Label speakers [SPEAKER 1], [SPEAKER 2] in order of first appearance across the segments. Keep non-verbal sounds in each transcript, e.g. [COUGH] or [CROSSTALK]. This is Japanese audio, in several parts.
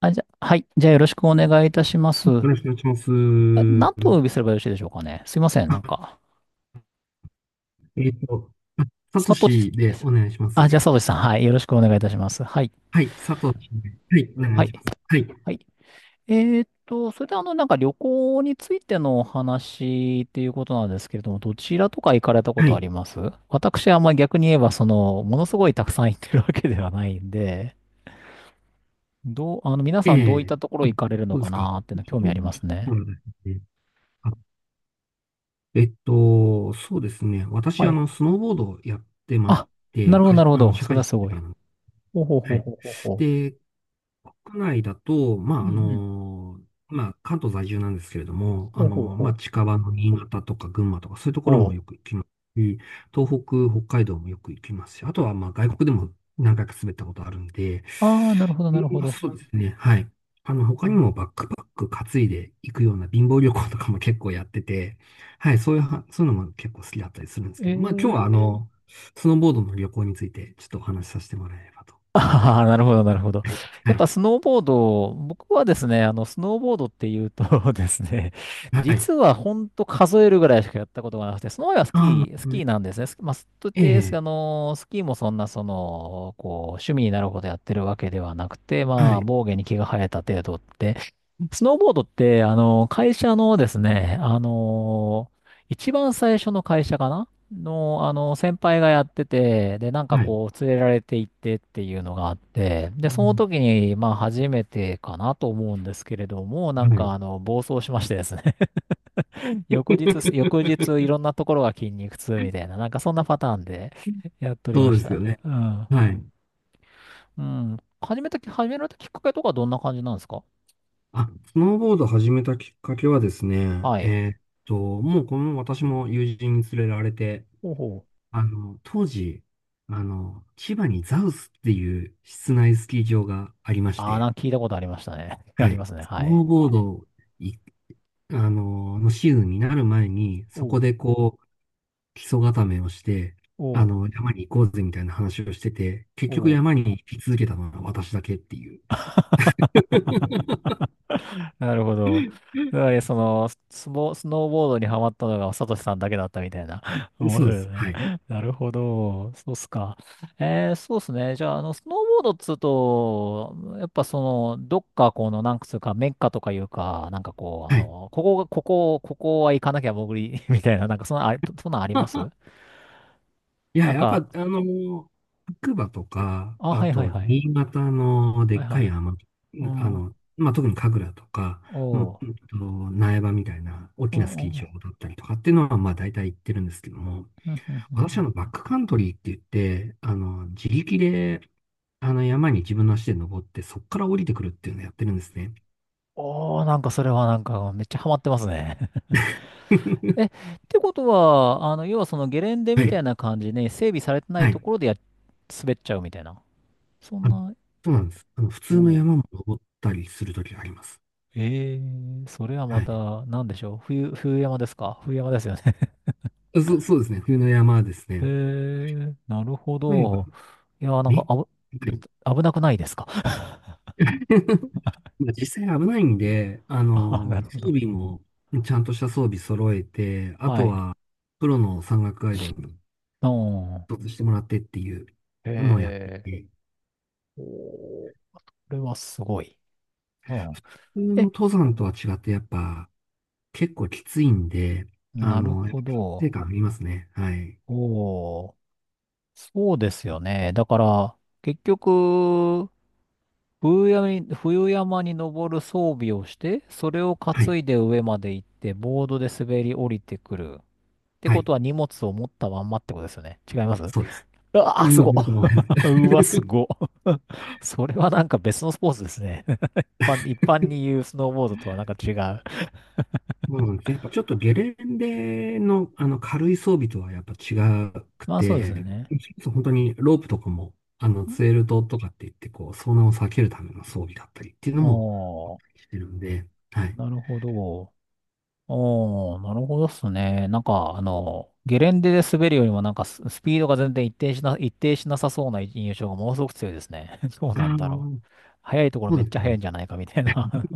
[SPEAKER 1] あ、はい。じゃあよろしくお願いいたします。
[SPEAKER 2] よろしくお願いします。
[SPEAKER 1] あ、何とお呼
[SPEAKER 2] [LAUGHS]
[SPEAKER 1] びすればよろしいでしょうかね。すいません。
[SPEAKER 2] あえっと、[LAUGHS] あサト
[SPEAKER 1] サトシ、
[SPEAKER 2] シでお願いしま
[SPEAKER 1] あ、じゃ
[SPEAKER 2] す。
[SPEAKER 1] あサトシさん。はい。よろしくお願いいたします。はい。
[SPEAKER 2] はい、サトシで。はい、お願
[SPEAKER 1] は
[SPEAKER 2] い
[SPEAKER 1] い。
[SPEAKER 2] します。はい、
[SPEAKER 1] はい。えそれで旅行についてのお話っていうことなんですけれども、どちらとか行かれたこ
[SPEAKER 2] は
[SPEAKER 1] とあり
[SPEAKER 2] い。
[SPEAKER 1] ます？私はあんまり逆に言えば、ものすごいたくさん行ってるわけではないんで、どう、あの、皆
[SPEAKER 2] え
[SPEAKER 1] さんどういっ
[SPEAKER 2] え。
[SPEAKER 1] たところ
[SPEAKER 2] あ、
[SPEAKER 1] 行かれるの
[SPEAKER 2] そうで
[SPEAKER 1] か
[SPEAKER 2] すか。
[SPEAKER 1] なーっていうの興
[SPEAKER 2] そ
[SPEAKER 1] 味あ
[SPEAKER 2] う
[SPEAKER 1] りますね。
[SPEAKER 2] ですね。あそうですね。
[SPEAKER 1] は
[SPEAKER 2] 私、
[SPEAKER 1] い。
[SPEAKER 2] スノーボードをやってまし
[SPEAKER 1] あ、な
[SPEAKER 2] て、
[SPEAKER 1] るほど、
[SPEAKER 2] 会
[SPEAKER 1] な
[SPEAKER 2] 社
[SPEAKER 1] るほ
[SPEAKER 2] あの、
[SPEAKER 1] ど。
[SPEAKER 2] 社
[SPEAKER 1] それ
[SPEAKER 2] 会
[SPEAKER 1] は
[SPEAKER 2] 人
[SPEAKER 1] す
[SPEAKER 2] だ
[SPEAKER 1] ご
[SPEAKER 2] か
[SPEAKER 1] い。
[SPEAKER 2] らなんで
[SPEAKER 1] ほうほう
[SPEAKER 2] す。は
[SPEAKER 1] ほう
[SPEAKER 2] い。
[SPEAKER 1] ほうほうほ
[SPEAKER 2] で、国内だと、ま
[SPEAKER 1] う。う
[SPEAKER 2] あ、
[SPEAKER 1] んうん。
[SPEAKER 2] まあ、関東在住なんですけれども、
[SPEAKER 1] ほうほう
[SPEAKER 2] まあ、
[SPEAKER 1] ほう。
[SPEAKER 2] 近場の新潟とか群馬とか、そういうところ
[SPEAKER 1] お
[SPEAKER 2] もよ
[SPEAKER 1] う。
[SPEAKER 2] く行きますし、東北、北海道もよく行きますし、あとは、まあ、外国でも何回か滑ったことあるんで。
[SPEAKER 1] ああ、なるほど、な
[SPEAKER 2] で
[SPEAKER 1] るほ
[SPEAKER 2] まあ、
[SPEAKER 1] ど。
[SPEAKER 2] そうですね、はい。
[SPEAKER 1] う
[SPEAKER 2] 他に
[SPEAKER 1] ん、
[SPEAKER 2] もバックパック担いで行くような貧乏旅行とかも結構やってて、はい、そういうは、そういうのも結構好きだったりするんです
[SPEAKER 1] え
[SPEAKER 2] けど、まあ、今日は、
[SPEAKER 1] ー。
[SPEAKER 2] スノーボードの旅行について、ちょっとお話しさせてもらえればと。
[SPEAKER 1] ああ、なるほど、なるほど。
[SPEAKER 2] はい。
[SPEAKER 1] やっ
[SPEAKER 2] は
[SPEAKER 1] ぱ
[SPEAKER 2] い。
[SPEAKER 1] スノーボード、僕はですね、スノーボードっていうと [LAUGHS] ですね、
[SPEAKER 2] はい。
[SPEAKER 1] 実はほんと数えるぐらいしかやったことがなくて、その前はスキ
[SPEAKER 2] ああ、
[SPEAKER 1] ー、ス
[SPEAKER 2] うん。
[SPEAKER 1] キーなんですね。スまあ、スと
[SPEAKER 2] え
[SPEAKER 1] 言って、
[SPEAKER 2] え、
[SPEAKER 1] スキーもそんな、趣味になるほどやってるわけではなくて、
[SPEAKER 2] は
[SPEAKER 1] まあ、
[SPEAKER 2] い、
[SPEAKER 1] 防御に毛が生えた程度って、スノーボードって、会社のですね、一番最初の会社かなの、先輩がやってて、で、
[SPEAKER 2] はい、
[SPEAKER 1] 連れられて行ってっていうのがあって、で、
[SPEAKER 2] う
[SPEAKER 1] その
[SPEAKER 2] ん、
[SPEAKER 1] 時に、まあ、初めてかなと思うんですけれども、
[SPEAKER 2] はい。
[SPEAKER 1] 暴走しましてですね、[LAUGHS] 翌日、い
[SPEAKER 2] [LAUGHS]
[SPEAKER 1] ろんなところが筋肉痛みたいな、なんかそんなパターンで [LAUGHS] やっており
[SPEAKER 2] そ
[SPEAKER 1] ま
[SPEAKER 2] う
[SPEAKER 1] し
[SPEAKER 2] ですよ
[SPEAKER 1] た。
[SPEAKER 2] ね。
[SPEAKER 1] うん。
[SPEAKER 2] はい。
[SPEAKER 1] うん。始められたきっかけとかどんな感じなんですか？
[SPEAKER 2] あ、スノーボード始めたきっかけはですね、
[SPEAKER 1] はい。
[SPEAKER 2] と、もうこの私も友人に連れられて、
[SPEAKER 1] ほうほう。
[SPEAKER 2] 当時、千葉にザウスっていう室内スキー場がありまし
[SPEAKER 1] ああ、
[SPEAKER 2] て、
[SPEAKER 1] なんか聞いたことありましたね。[LAUGHS] あ
[SPEAKER 2] は
[SPEAKER 1] りま
[SPEAKER 2] い。
[SPEAKER 1] すね。
[SPEAKER 2] ス
[SPEAKER 1] は
[SPEAKER 2] ノ
[SPEAKER 1] い。
[SPEAKER 2] ーボードい、あの、のシーズンになる前に、そ
[SPEAKER 1] お
[SPEAKER 2] こ
[SPEAKER 1] う、
[SPEAKER 2] で基礎固めをして、
[SPEAKER 1] おう、
[SPEAKER 2] 山に行こうぜみたいな話をしてて、結局
[SPEAKER 1] おう。
[SPEAKER 2] 山に行き続けたのは私だけっていう。
[SPEAKER 1] [LAUGHS]
[SPEAKER 2] [LAUGHS]
[SPEAKER 1] なるほど。つまり、スノーボードにハマったのが、サトシさんだけだったみたいな。[LAUGHS] 面
[SPEAKER 2] そうで
[SPEAKER 1] 白い
[SPEAKER 2] す。
[SPEAKER 1] ね。
[SPEAKER 2] はい。
[SPEAKER 1] なるほど。そうっすか。そうっすね。じゃあ、スノーボードっつうと、やっぱその、どっかこの、なんつうか、メッカとかいうか、
[SPEAKER 2] はい。
[SPEAKER 1] ここは行かなきゃ潜り、[LAUGHS] みたいな、なんかそんな、そんなんありま
[SPEAKER 2] [LAUGHS]
[SPEAKER 1] す？
[SPEAKER 2] いや、
[SPEAKER 1] なん
[SPEAKER 2] やっぱ、
[SPEAKER 1] か、
[SPEAKER 2] 白馬とか、
[SPEAKER 1] あ、
[SPEAKER 2] あ
[SPEAKER 1] はいはい
[SPEAKER 2] と、
[SPEAKER 1] はい。
[SPEAKER 2] 新潟ので
[SPEAKER 1] はい
[SPEAKER 2] っ
[SPEAKER 1] は
[SPEAKER 2] かい
[SPEAKER 1] い。
[SPEAKER 2] 山、
[SPEAKER 1] うん。
[SPEAKER 2] まあ、特に神楽とか、う
[SPEAKER 1] お
[SPEAKER 2] んうん
[SPEAKER 1] う。
[SPEAKER 2] と苗場みたいな大
[SPEAKER 1] お
[SPEAKER 2] きなスキー場
[SPEAKER 1] お。
[SPEAKER 2] だったりとかっていうのは、まあ、大体行ってるんですけども、
[SPEAKER 1] うんうんうん
[SPEAKER 2] 私、バ
[SPEAKER 1] う
[SPEAKER 2] ッ
[SPEAKER 1] ん。
[SPEAKER 2] クカントリーって言って、自力で、山に自分の足で登って、そこから降りてくるっていうのをやってるんですね。
[SPEAKER 1] おー、なんかそれはなんかめっちゃハマってますね。[LAUGHS] え、っ
[SPEAKER 2] [LAUGHS]
[SPEAKER 1] てことは、要はそのゲレンデ
[SPEAKER 2] は
[SPEAKER 1] みたい
[SPEAKER 2] い。
[SPEAKER 1] な感じで整備されてない
[SPEAKER 2] は
[SPEAKER 1] と
[SPEAKER 2] い。
[SPEAKER 1] ころで滑っちゃうみたいな。そん
[SPEAKER 2] あ、
[SPEAKER 1] な。
[SPEAKER 2] そうなんです。普
[SPEAKER 1] お
[SPEAKER 2] 通の
[SPEAKER 1] お。
[SPEAKER 2] 山も登ったりするときがあります。
[SPEAKER 1] ええー、それはま
[SPEAKER 2] はい。
[SPEAKER 1] た、なんでしょう。冬山ですか？冬山ですよね。
[SPEAKER 2] そうですね。冬の山です
[SPEAKER 1] [LAUGHS] え
[SPEAKER 2] ね。
[SPEAKER 1] ー、なるほ
[SPEAKER 2] とにか
[SPEAKER 1] ど。
[SPEAKER 2] く、
[SPEAKER 1] いやー、なん
[SPEAKER 2] め、
[SPEAKER 1] か危なくないですか？
[SPEAKER 2] [LAUGHS] まあ実際危ないんで、
[SPEAKER 1] [LAUGHS] あ、なるほ
[SPEAKER 2] 装
[SPEAKER 1] ど。
[SPEAKER 2] 備も、ちゃんとした装備揃えて、あ
[SPEAKER 1] は
[SPEAKER 2] と
[SPEAKER 1] い。
[SPEAKER 2] は、プロの山岳ガイドを一
[SPEAKER 1] うん。
[SPEAKER 2] つしてもらってっていうのをやってい
[SPEAKER 1] え
[SPEAKER 2] て、
[SPEAKER 1] ー、おー、これはすごい。うん。
[SPEAKER 2] 普通の
[SPEAKER 1] え、
[SPEAKER 2] 登山とは違って、やっぱ結構きついんで、
[SPEAKER 1] なる
[SPEAKER 2] やっ
[SPEAKER 1] ほ
[SPEAKER 2] ぱ達成
[SPEAKER 1] ど。
[SPEAKER 2] 感ありますね。はい。
[SPEAKER 1] おー、そうですよね。だから、結局、冬山に登る装備をして、それを
[SPEAKER 2] は
[SPEAKER 1] 担
[SPEAKER 2] い。
[SPEAKER 1] いで上まで行って、ボードで滑り降りてくる。って
[SPEAKER 2] は
[SPEAKER 1] こ
[SPEAKER 2] い。
[SPEAKER 1] とは荷物を持ったまんまってことですよね。違いますう？
[SPEAKER 2] そうです。
[SPEAKER 1] わー、
[SPEAKER 2] 荷
[SPEAKER 1] す
[SPEAKER 2] 物
[SPEAKER 1] ごっ。
[SPEAKER 2] 持ってもらえる。
[SPEAKER 1] [LAUGHS]
[SPEAKER 2] [LAUGHS]
[SPEAKER 1] うわ、すごっ。[LAUGHS] それはなんか別のスポーツですね。[LAUGHS] 一般に言うスノーボードとはなんか違う。
[SPEAKER 2] そうなんです。やっぱちょっとゲレンデの、あの軽い装備とはやっぱ違く
[SPEAKER 1] まあそうです
[SPEAKER 2] て、
[SPEAKER 1] ね。
[SPEAKER 2] そう本当にロープとかも、ツエルトとかって言って、こう、遭難を避けるための装備だったりっていうのも、
[SPEAKER 1] おー、
[SPEAKER 2] してるんで、はい。
[SPEAKER 1] なるほど。おー、なるほどっすね。なんか、ゲレンデで滑るよりも、なんかスピードが全然一定しなさそうな印象がものすごく強いですね。[LAUGHS] どう
[SPEAKER 2] あ
[SPEAKER 1] なんだろう。
[SPEAKER 2] あ、
[SPEAKER 1] 速いところ
[SPEAKER 2] そ
[SPEAKER 1] め
[SPEAKER 2] う
[SPEAKER 1] っ
[SPEAKER 2] です
[SPEAKER 1] ちゃ速い
[SPEAKER 2] ね。
[SPEAKER 1] んじゃないかみたいな。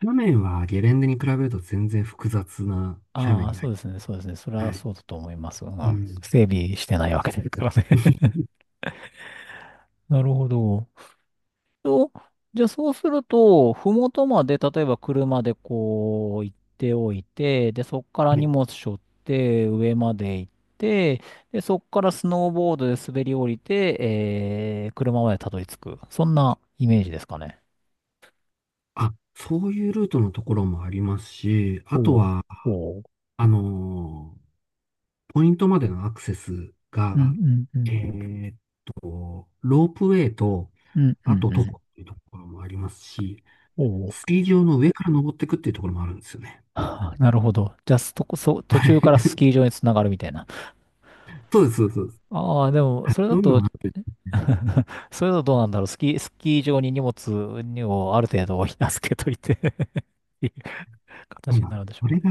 [SPEAKER 2] 斜面はゲレンデに比べると全然複雑な
[SPEAKER 1] [LAUGHS]
[SPEAKER 2] 斜
[SPEAKER 1] あ
[SPEAKER 2] 面
[SPEAKER 1] あ、
[SPEAKER 2] にな
[SPEAKER 1] そう
[SPEAKER 2] り、
[SPEAKER 1] ですね、そうですね。それ
[SPEAKER 2] は
[SPEAKER 1] は
[SPEAKER 2] い。
[SPEAKER 1] そうだと思います。うん。
[SPEAKER 2] うん。
[SPEAKER 1] 整備してないわけですからね。[LAUGHS] なるほど。と、じゃあそうすると、ふもとまで、例えば車で行っておいて、で、そこから
[SPEAKER 2] は
[SPEAKER 1] 荷
[SPEAKER 2] い。
[SPEAKER 1] 物背負って上まで行って、で、そこからスノーボードで滑り降りて、車までたどり着く。そんなイメージですかね。
[SPEAKER 2] あ、そういうルートのところもありますし、あと
[SPEAKER 1] おう、
[SPEAKER 2] は、
[SPEAKER 1] おう。
[SPEAKER 2] あのーポイントまでのアクセス
[SPEAKER 1] うん
[SPEAKER 2] が、
[SPEAKER 1] うんう
[SPEAKER 2] え
[SPEAKER 1] ん。
[SPEAKER 2] ーっロープウェイと、
[SPEAKER 1] うんう
[SPEAKER 2] あと
[SPEAKER 1] んう
[SPEAKER 2] 徒
[SPEAKER 1] ん。
[SPEAKER 2] 歩っていうところもありますし、
[SPEAKER 1] おう。
[SPEAKER 2] スキー場の上から登っていくっていうところもあるんですよね。
[SPEAKER 1] [LAUGHS] なるほど。じゃあ、そこ、そ、
[SPEAKER 2] [LAUGHS]
[SPEAKER 1] 途
[SPEAKER 2] は
[SPEAKER 1] 中から
[SPEAKER 2] い。
[SPEAKER 1] スキー場につながるみたいな。
[SPEAKER 2] そうです、そうです。そうです。
[SPEAKER 1] ああ、でも、
[SPEAKER 2] はい。
[SPEAKER 1] それ
[SPEAKER 2] そ
[SPEAKER 1] だ
[SPEAKER 2] ういうの
[SPEAKER 1] と
[SPEAKER 2] が、
[SPEAKER 1] [LAUGHS] それだとどうなんだろう。スキー場に荷物をある程度預けといて [LAUGHS] っていう
[SPEAKER 2] そう
[SPEAKER 1] 形
[SPEAKER 2] な
[SPEAKER 1] にな
[SPEAKER 2] ん
[SPEAKER 1] るんでしょ
[SPEAKER 2] そ
[SPEAKER 1] うか
[SPEAKER 2] れ
[SPEAKER 1] ね。
[SPEAKER 2] が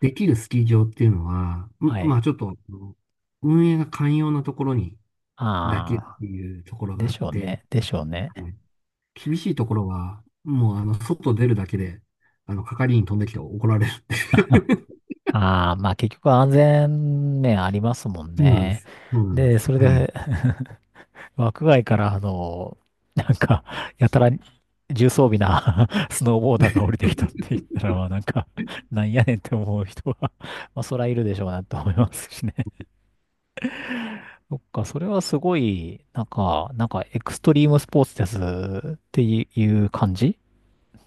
[SPEAKER 2] できるスキー場っていうのは、
[SPEAKER 1] は
[SPEAKER 2] ま
[SPEAKER 1] い。
[SPEAKER 2] あちょっと、運営が寛容なところに
[SPEAKER 1] あ
[SPEAKER 2] だけっ
[SPEAKER 1] あ、
[SPEAKER 2] ていうところが
[SPEAKER 1] で
[SPEAKER 2] あっ
[SPEAKER 1] しょう
[SPEAKER 2] て、
[SPEAKER 1] ね。でしょうね。
[SPEAKER 2] はい。厳しいところは、もう外出るだけで、係員飛んできて怒られるって。
[SPEAKER 1] [LAUGHS] ああ、まあ結局安全面ありますもん
[SPEAKER 2] [LAUGHS] そうなんで
[SPEAKER 1] ね。
[SPEAKER 2] す。そうなんで
[SPEAKER 1] で、
[SPEAKER 2] す。
[SPEAKER 1] それ
[SPEAKER 2] はい。
[SPEAKER 1] で [LAUGHS] 枠外から、なんか、やたら重装備な [LAUGHS] スノーボーダーが降りてきたって言ったら、まあなんか、なんやねんって思う人は、まあそらいるでしょうなと思いますしね。そっか、それはすごい、なんかエクストリームスポーツですっていう感じ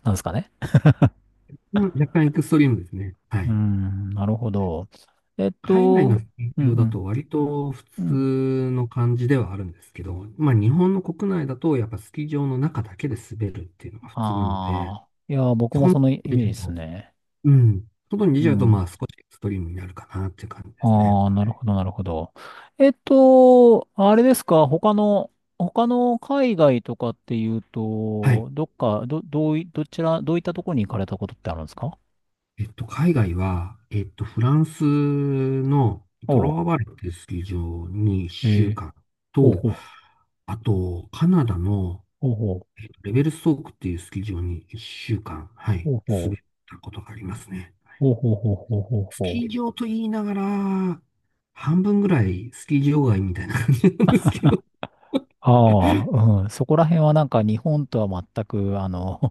[SPEAKER 1] なんですかね。
[SPEAKER 2] うん、若干エクストリームですね。は
[SPEAKER 1] うー
[SPEAKER 2] い。
[SPEAKER 1] ん、なるほど。えっ
[SPEAKER 2] 海外の
[SPEAKER 1] と、
[SPEAKER 2] 企
[SPEAKER 1] う
[SPEAKER 2] 業だ
[SPEAKER 1] ん
[SPEAKER 2] と割と普
[SPEAKER 1] うん、うん。
[SPEAKER 2] 通の感じではあるんですけど、まあ日本の国内だとやっぱスキー場の中だけで滑るっていうのが普通なので、
[SPEAKER 1] ああ、いやー、僕
[SPEAKER 2] そ
[SPEAKER 1] も
[SPEAKER 2] こに
[SPEAKER 1] そのイ
[SPEAKER 2] 出
[SPEAKER 1] メー
[SPEAKER 2] ち
[SPEAKER 1] ジ
[SPEAKER 2] ゃ
[SPEAKER 1] で
[SPEAKER 2] う
[SPEAKER 1] す
[SPEAKER 2] と、
[SPEAKER 1] ね。
[SPEAKER 2] うん。外に出
[SPEAKER 1] う
[SPEAKER 2] ちゃうと
[SPEAKER 1] ん。
[SPEAKER 2] まあ少しエクストリームになるかなっていう感じですね。
[SPEAKER 1] ああ、なるほど、なるほど。あれですか、他の海外とかっていう
[SPEAKER 2] はい。
[SPEAKER 1] と、どっか、ど、どうい、どちら、どういったところに行かれたことってあるんですか？
[SPEAKER 2] 海外は、フランスのト
[SPEAKER 1] お
[SPEAKER 2] ロ
[SPEAKER 1] う。
[SPEAKER 2] ワバレッっていうスキー場に
[SPEAKER 1] え
[SPEAKER 2] 1週
[SPEAKER 1] ー、
[SPEAKER 2] 間
[SPEAKER 1] ほう
[SPEAKER 2] と、
[SPEAKER 1] ほう、
[SPEAKER 2] あと、カナダの
[SPEAKER 1] ほうほう、
[SPEAKER 2] レベルストークっていうスキー場に1週間、はい、
[SPEAKER 1] ほう
[SPEAKER 2] 滑
[SPEAKER 1] ほ
[SPEAKER 2] っ
[SPEAKER 1] う。
[SPEAKER 2] たことがありますね。
[SPEAKER 1] ほうほうほうほうほう
[SPEAKER 2] ス
[SPEAKER 1] ほ
[SPEAKER 2] キ
[SPEAKER 1] う。
[SPEAKER 2] ー場と言いながら、半分ぐらいスキー場外みたいな感じなんですけど、
[SPEAKER 1] ああ、うん。そこら辺はなんか日本とは全く、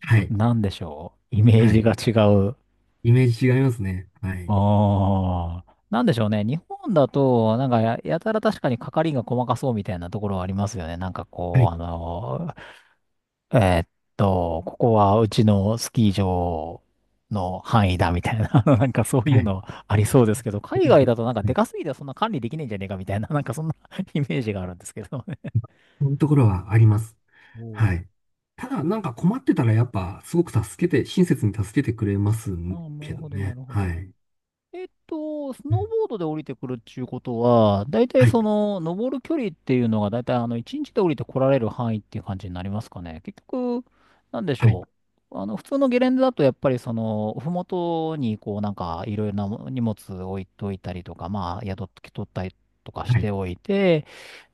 [SPEAKER 2] は い、
[SPEAKER 1] なんでしょう。イメー
[SPEAKER 2] は
[SPEAKER 1] ジ
[SPEAKER 2] い。
[SPEAKER 1] が違う。
[SPEAKER 2] イメージ違いますね。はい、
[SPEAKER 1] ああ。なんでしょうね。日本だと、なんかやたら確かに係が細かそうみたいなところはありますよね。
[SPEAKER 2] はい、
[SPEAKER 1] えーっここはうちのスキー場の範囲だみたいな、[LAUGHS] なんかそうい
[SPEAKER 2] は
[SPEAKER 1] う
[SPEAKER 2] い。
[SPEAKER 1] のありそうですけど、海外だとなんかでかすぎてそんな管理できねえんじゃねえかみたいな、なんかそんな [LAUGHS] イメージがあるんですけどね。
[SPEAKER 2] こういうところはあります。
[SPEAKER 1] お
[SPEAKER 2] は
[SPEAKER 1] ー、
[SPEAKER 2] い。ただ、なんか困ってたらやっぱ、すごく助けて、親切に助けてくれます
[SPEAKER 1] ああ、な
[SPEAKER 2] け
[SPEAKER 1] る
[SPEAKER 2] ど
[SPEAKER 1] ほど、な
[SPEAKER 2] ね。
[SPEAKER 1] るほ
[SPEAKER 2] は
[SPEAKER 1] ど。
[SPEAKER 2] い。
[SPEAKER 1] スノー
[SPEAKER 2] うん。
[SPEAKER 1] ボードで降りてくるっていうことは、だいたい
[SPEAKER 2] はい。
[SPEAKER 1] 登る距離っていうのが、だいたい1日で降りてこられる範囲っていう感じになりますかね。結局、なんでし
[SPEAKER 2] はい。
[SPEAKER 1] ょう。普通のゲレンデだと、やっぱりふもとに、いろいろな荷物置いといたりとか、まあ、宿取ったりとかし
[SPEAKER 2] はい。
[SPEAKER 1] ておいて、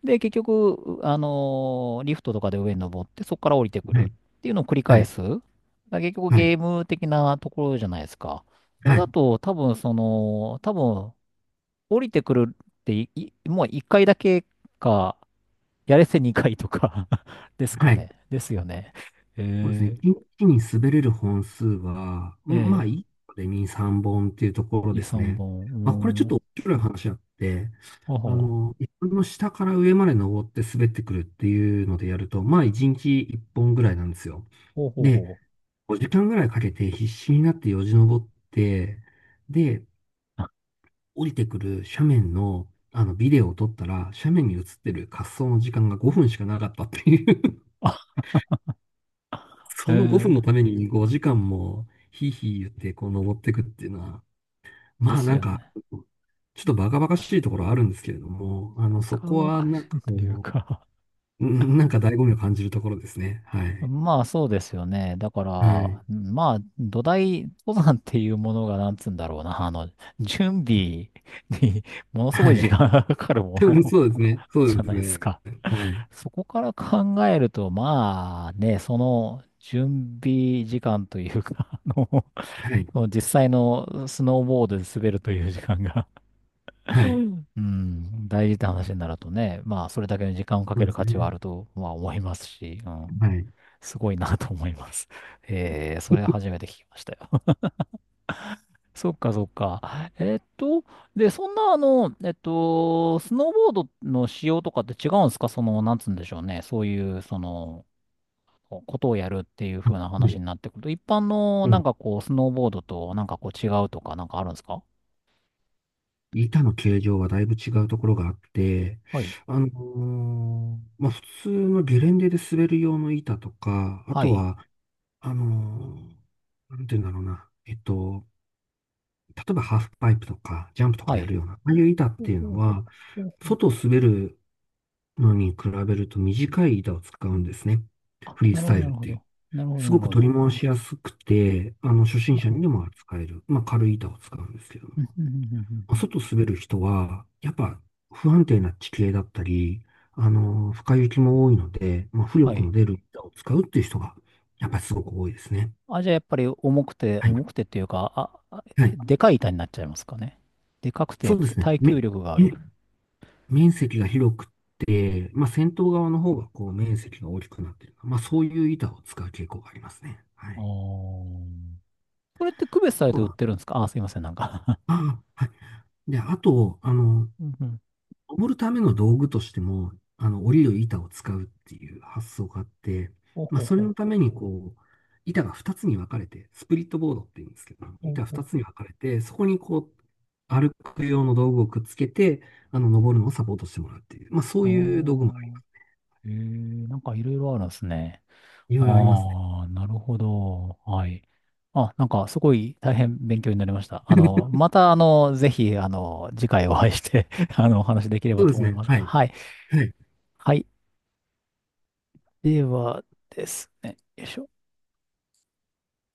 [SPEAKER 1] で、結局、リフトとかで上に登って、そこから降りてくる
[SPEAKER 2] はい。
[SPEAKER 1] っていうのを繰り
[SPEAKER 2] は
[SPEAKER 1] 返
[SPEAKER 2] い。
[SPEAKER 1] す。だから結局
[SPEAKER 2] はい。
[SPEAKER 1] ゲーム的なところじゃないですか。それ
[SPEAKER 2] は
[SPEAKER 1] だ
[SPEAKER 2] い。
[SPEAKER 1] と、多分降りてくるってい、いもう一回だけか、やれせ二回とか [LAUGHS] ですか
[SPEAKER 2] はい。
[SPEAKER 1] ね。ですよね。
[SPEAKER 2] そうですね。
[SPEAKER 1] えー、
[SPEAKER 2] 一気に滑れる本数は、うん、まあ、
[SPEAKER 1] ええ、
[SPEAKER 2] 1個で2、3本っていうところ
[SPEAKER 1] 二
[SPEAKER 2] です
[SPEAKER 1] 三
[SPEAKER 2] ね。
[SPEAKER 1] 本。
[SPEAKER 2] まあ、これちょ
[SPEAKER 1] うー
[SPEAKER 2] っ
[SPEAKER 1] ん。
[SPEAKER 2] と面白い話あって、
[SPEAKER 1] ほうほう。
[SPEAKER 2] 一本の下から上まで登って滑ってくるっていうのでやると、まあ、1日1本ぐらいなんですよ。
[SPEAKER 1] ほうほう
[SPEAKER 2] で、
[SPEAKER 1] ほう。
[SPEAKER 2] 5時間ぐらいかけて必死になってよじ登って、で、降りてくる斜面の、あのビデオを撮ったら、斜面に映ってる滑走の時間が5分しかなかったっていう。
[SPEAKER 1] あ、
[SPEAKER 2] [LAUGHS]
[SPEAKER 1] え
[SPEAKER 2] その5分
[SPEAKER 1] ー、
[SPEAKER 2] のために5時間もヒーヒー言ってこう登ってくっていうのは、ま
[SPEAKER 1] で
[SPEAKER 2] あ
[SPEAKER 1] す
[SPEAKER 2] なん
[SPEAKER 1] よ
[SPEAKER 2] か、
[SPEAKER 1] ね。
[SPEAKER 2] ちょっとバカバカしいところはあるんですけれども、そ
[SPEAKER 1] 若
[SPEAKER 2] こ
[SPEAKER 1] 々
[SPEAKER 2] はなん
[SPEAKER 1] し
[SPEAKER 2] か
[SPEAKER 1] いという
[SPEAKER 2] こ
[SPEAKER 1] か
[SPEAKER 2] う、うん、なんか醍醐味を感じるところですね。は
[SPEAKER 1] [LAUGHS]
[SPEAKER 2] い。
[SPEAKER 1] まあそうですよね。だか
[SPEAKER 2] はい。
[SPEAKER 1] ら、まあ土台、登山っていうものがなんつうんだろうな。準備に [LAUGHS] ものすご
[SPEAKER 2] は
[SPEAKER 1] い時
[SPEAKER 2] い。
[SPEAKER 1] 間がかかる
[SPEAKER 2] [LAUGHS]
[SPEAKER 1] も
[SPEAKER 2] そうで
[SPEAKER 1] の
[SPEAKER 2] すね。そ
[SPEAKER 1] じ
[SPEAKER 2] う
[SPEAKER 1] ゃ
[SPEAKER 2] で
[SPEAKER 1] な
[SPEAKER 2] す
[SPEAKER 1] いです
[SPEAKER 2] ね。
[SPEAKER 1] か。
[SPEAKER 2] はい。
[SPEAKER 1] そこから考えると、まあね、その準備時間というか、[LAUGHS]
[SPEAKER 2] はい。
[SPEAKER 1] その実際のスノーボードで滑るという時間が、
[SPEAKER 2] は
[SPEAKER 1] う
[SPEAKER 2] い。
[SPEAKER 1] んうん大事って話になるとね、まあそれだけの時間をか
[SPEAKER 2] そ
[SPEAKER 1] け
[SPEAKER 2] う
[SPEAKER 1] る
[SPEAKER 2] です
[SPEAKER 1] 価値はあ
[SPEAKER 2] ね。
[SPEAKER 1] ると、まあ思いますし、うん、
[SPEAKER 2] はい。
[SPEAKER 1] すごいなと思います。えー、それ初めて聞きましたよ。[LAUGHS] そっかそっか。えーっと、で、そんなスノーボードの仕様とかって違うんですか？なんつうんでしょうね。そういう、ことをやるっていう風な話
[SPEAKER 2] ね、
[SPEAKER 1] になってくると、一般の
[SPEAKER 2] うん。
[SPEAKER 1] スノーボードと違うとかなんかあるんですか？
[SPEAKER 2] 板の形状はだいぶ違うところがあって、
[SPEAKER 1] はい。
[SPEAKER 2] まあ、普通のゲレンデで滑る用の板とか、あ
[SPEAKER 1] は
[SPEAKER 2] と
[SPEAKER 1] い。
[SPEAKER 2] は、あのーなんて言うんだろうな。例えばハーフパイプとか、ジャンプとか
[SPEAKER 1] は
[SPEAKER 2] やる
[SPEAKER 1] い。
[SPEAKER 2] ような、ああいう板っ
[SPEAKER 1] うん
[SPEAKER 2] ていう
[SPEAKER 1] う
[SPEAKER 2] の
[SPEAKER 1] ん
[SPEAKER 2] は、
[SPEAKER 1] うんうん。
[SPEAKER 2] 外を滑るのに比べると短い板を使うんですね。
[SPEAKER 1] あ、
[SPEAKER 2] フリー
[SPEAKER 1] な
[SPEAKER 2] ス
[SPEAKER 1] るほど、
[SPEAKER 2] タイ
[SPEAKER 1] な
[SPEAKER 2] ル
[SPEAKER 1] る
[SPEAKER 2] っ
[SPEAKER 1] ほ
[SPEAKER 2] ていう。
[SPEAKER 1] ど。なるほど、
[SPEAKER 2] す
[SPEAKER 1] な
[SPEAKER 2] ご
[SPEAKER 1] る
[SPEAKER 2] く
[SPEAKER 1] ほ
[SPEAKER 2] 取
[SPEAKER 1] ど。
[SPEAKER 2] り回しやすくて、初
[SPEAKER 1] う
[SPEAKER 2] 心者に
[SPEAKER 1] ん
[SPEAKER 2] でも扱える、まあ、軽い板を使うんですけど、
[SPEAKER 1] うんうんうんうんうんうん。
[SPEAKER 2] 外滑る人は、やっぱ不安定な地形だったり、深い雪も多いので、まあ、浮
[SPEAKER 1] は
[SPEAKER 2] 力の
[SPEAKER 1] い。
[SPEAKER 2] 出る板を使うっていう人が、やっぱりすごく多いですね。
[SPEAKER 1] あ、じゃあやっぱり重くて、
[SPEAKER 2] はい。
[SPEAKER 1] 重くてっていうか、あ
[SPEAKER 2] はい。
[SPEAKER 1] でかい板になっちゃいますかね。でかく
[SPEAKER 2] そ
[SPEAKER 1] て
[SPEAKER 2] うですね。
[SPEAKER 1] 耐久力があ
[SPEAKER 2] め
[SPEAKER 1] る。
[SPEAKER 2] 面積が広くて、まあ、先頭側の方がこう面積が大きくなっている。まあ、そういう板を使う傾向がありますね。は
[SPEAKER 1] あー、
[SPEAKER 2] い。
[SPEAKER 1] これって区別されて売
[SPEAKER 2] ま
[SPEAKER 1] ってるんですか？あ、すいません、なんか
[SPEAKER 2] あ、あ、はい。で、あと、
[SPEAKER 1] [LAUGHS] うんうん。
[SPEAKER 2] 登るための道具としても、折りる板を使うっていう発想があって、
[SPEAKER 1] ほう
[SPEAKER 2] ま
[SPEAKER 1] ほ
[SPEAKER 2] あ、
[SPEAKER 1] う
[SPEAKER 2] そ
[SPEAKER 1] ほ
[SPEAKER 2] れ
[SPEAKER 1] う。
[SPEAKER 2] のために、こう、板が2つに分かれて、スプリットボードって言うんですけど、
[SPEAKER 1] ほ
[SPEAKER 2] 板2
[SPEAKER 1] う
[SPEAKER 2] つに分かれて、そこにこう、歩く用の道具をくっつけて、登るのをサポートしてもらうっていう、まあ、そういう道具もあり、
[SPEAKER 1] ほう。えー、なんかいろいろあるんですね。
[SPEAKER 2] いろいろありますね。
[SPEAKER 1] ああ、なるほど。はい。あ、なんかすごい大変勉強になりました。
[SPEAKER 2] [LAUGHS]
[SPEAKER 1] またぜひ、次回お会いして [LAUGHS] お話できれ
[SPEAKER 2] そ
[SPEAKER 1] ば
[SPEAKER 2] うで
[SPEAKER 1] と
[SPEAKER 2] す
[SPEAKER 1] 思い
[SPEAKER 2] ね。
[SPEAKER 1] ます
[SPEAKER 2] は
[SPEAKER 1] が。
[SPEAKER 2] い。
[SPEAKER 1] はい。
[SPEAKER 2] はい
[SPEAKER 1] はい。ではですね。よいしょ。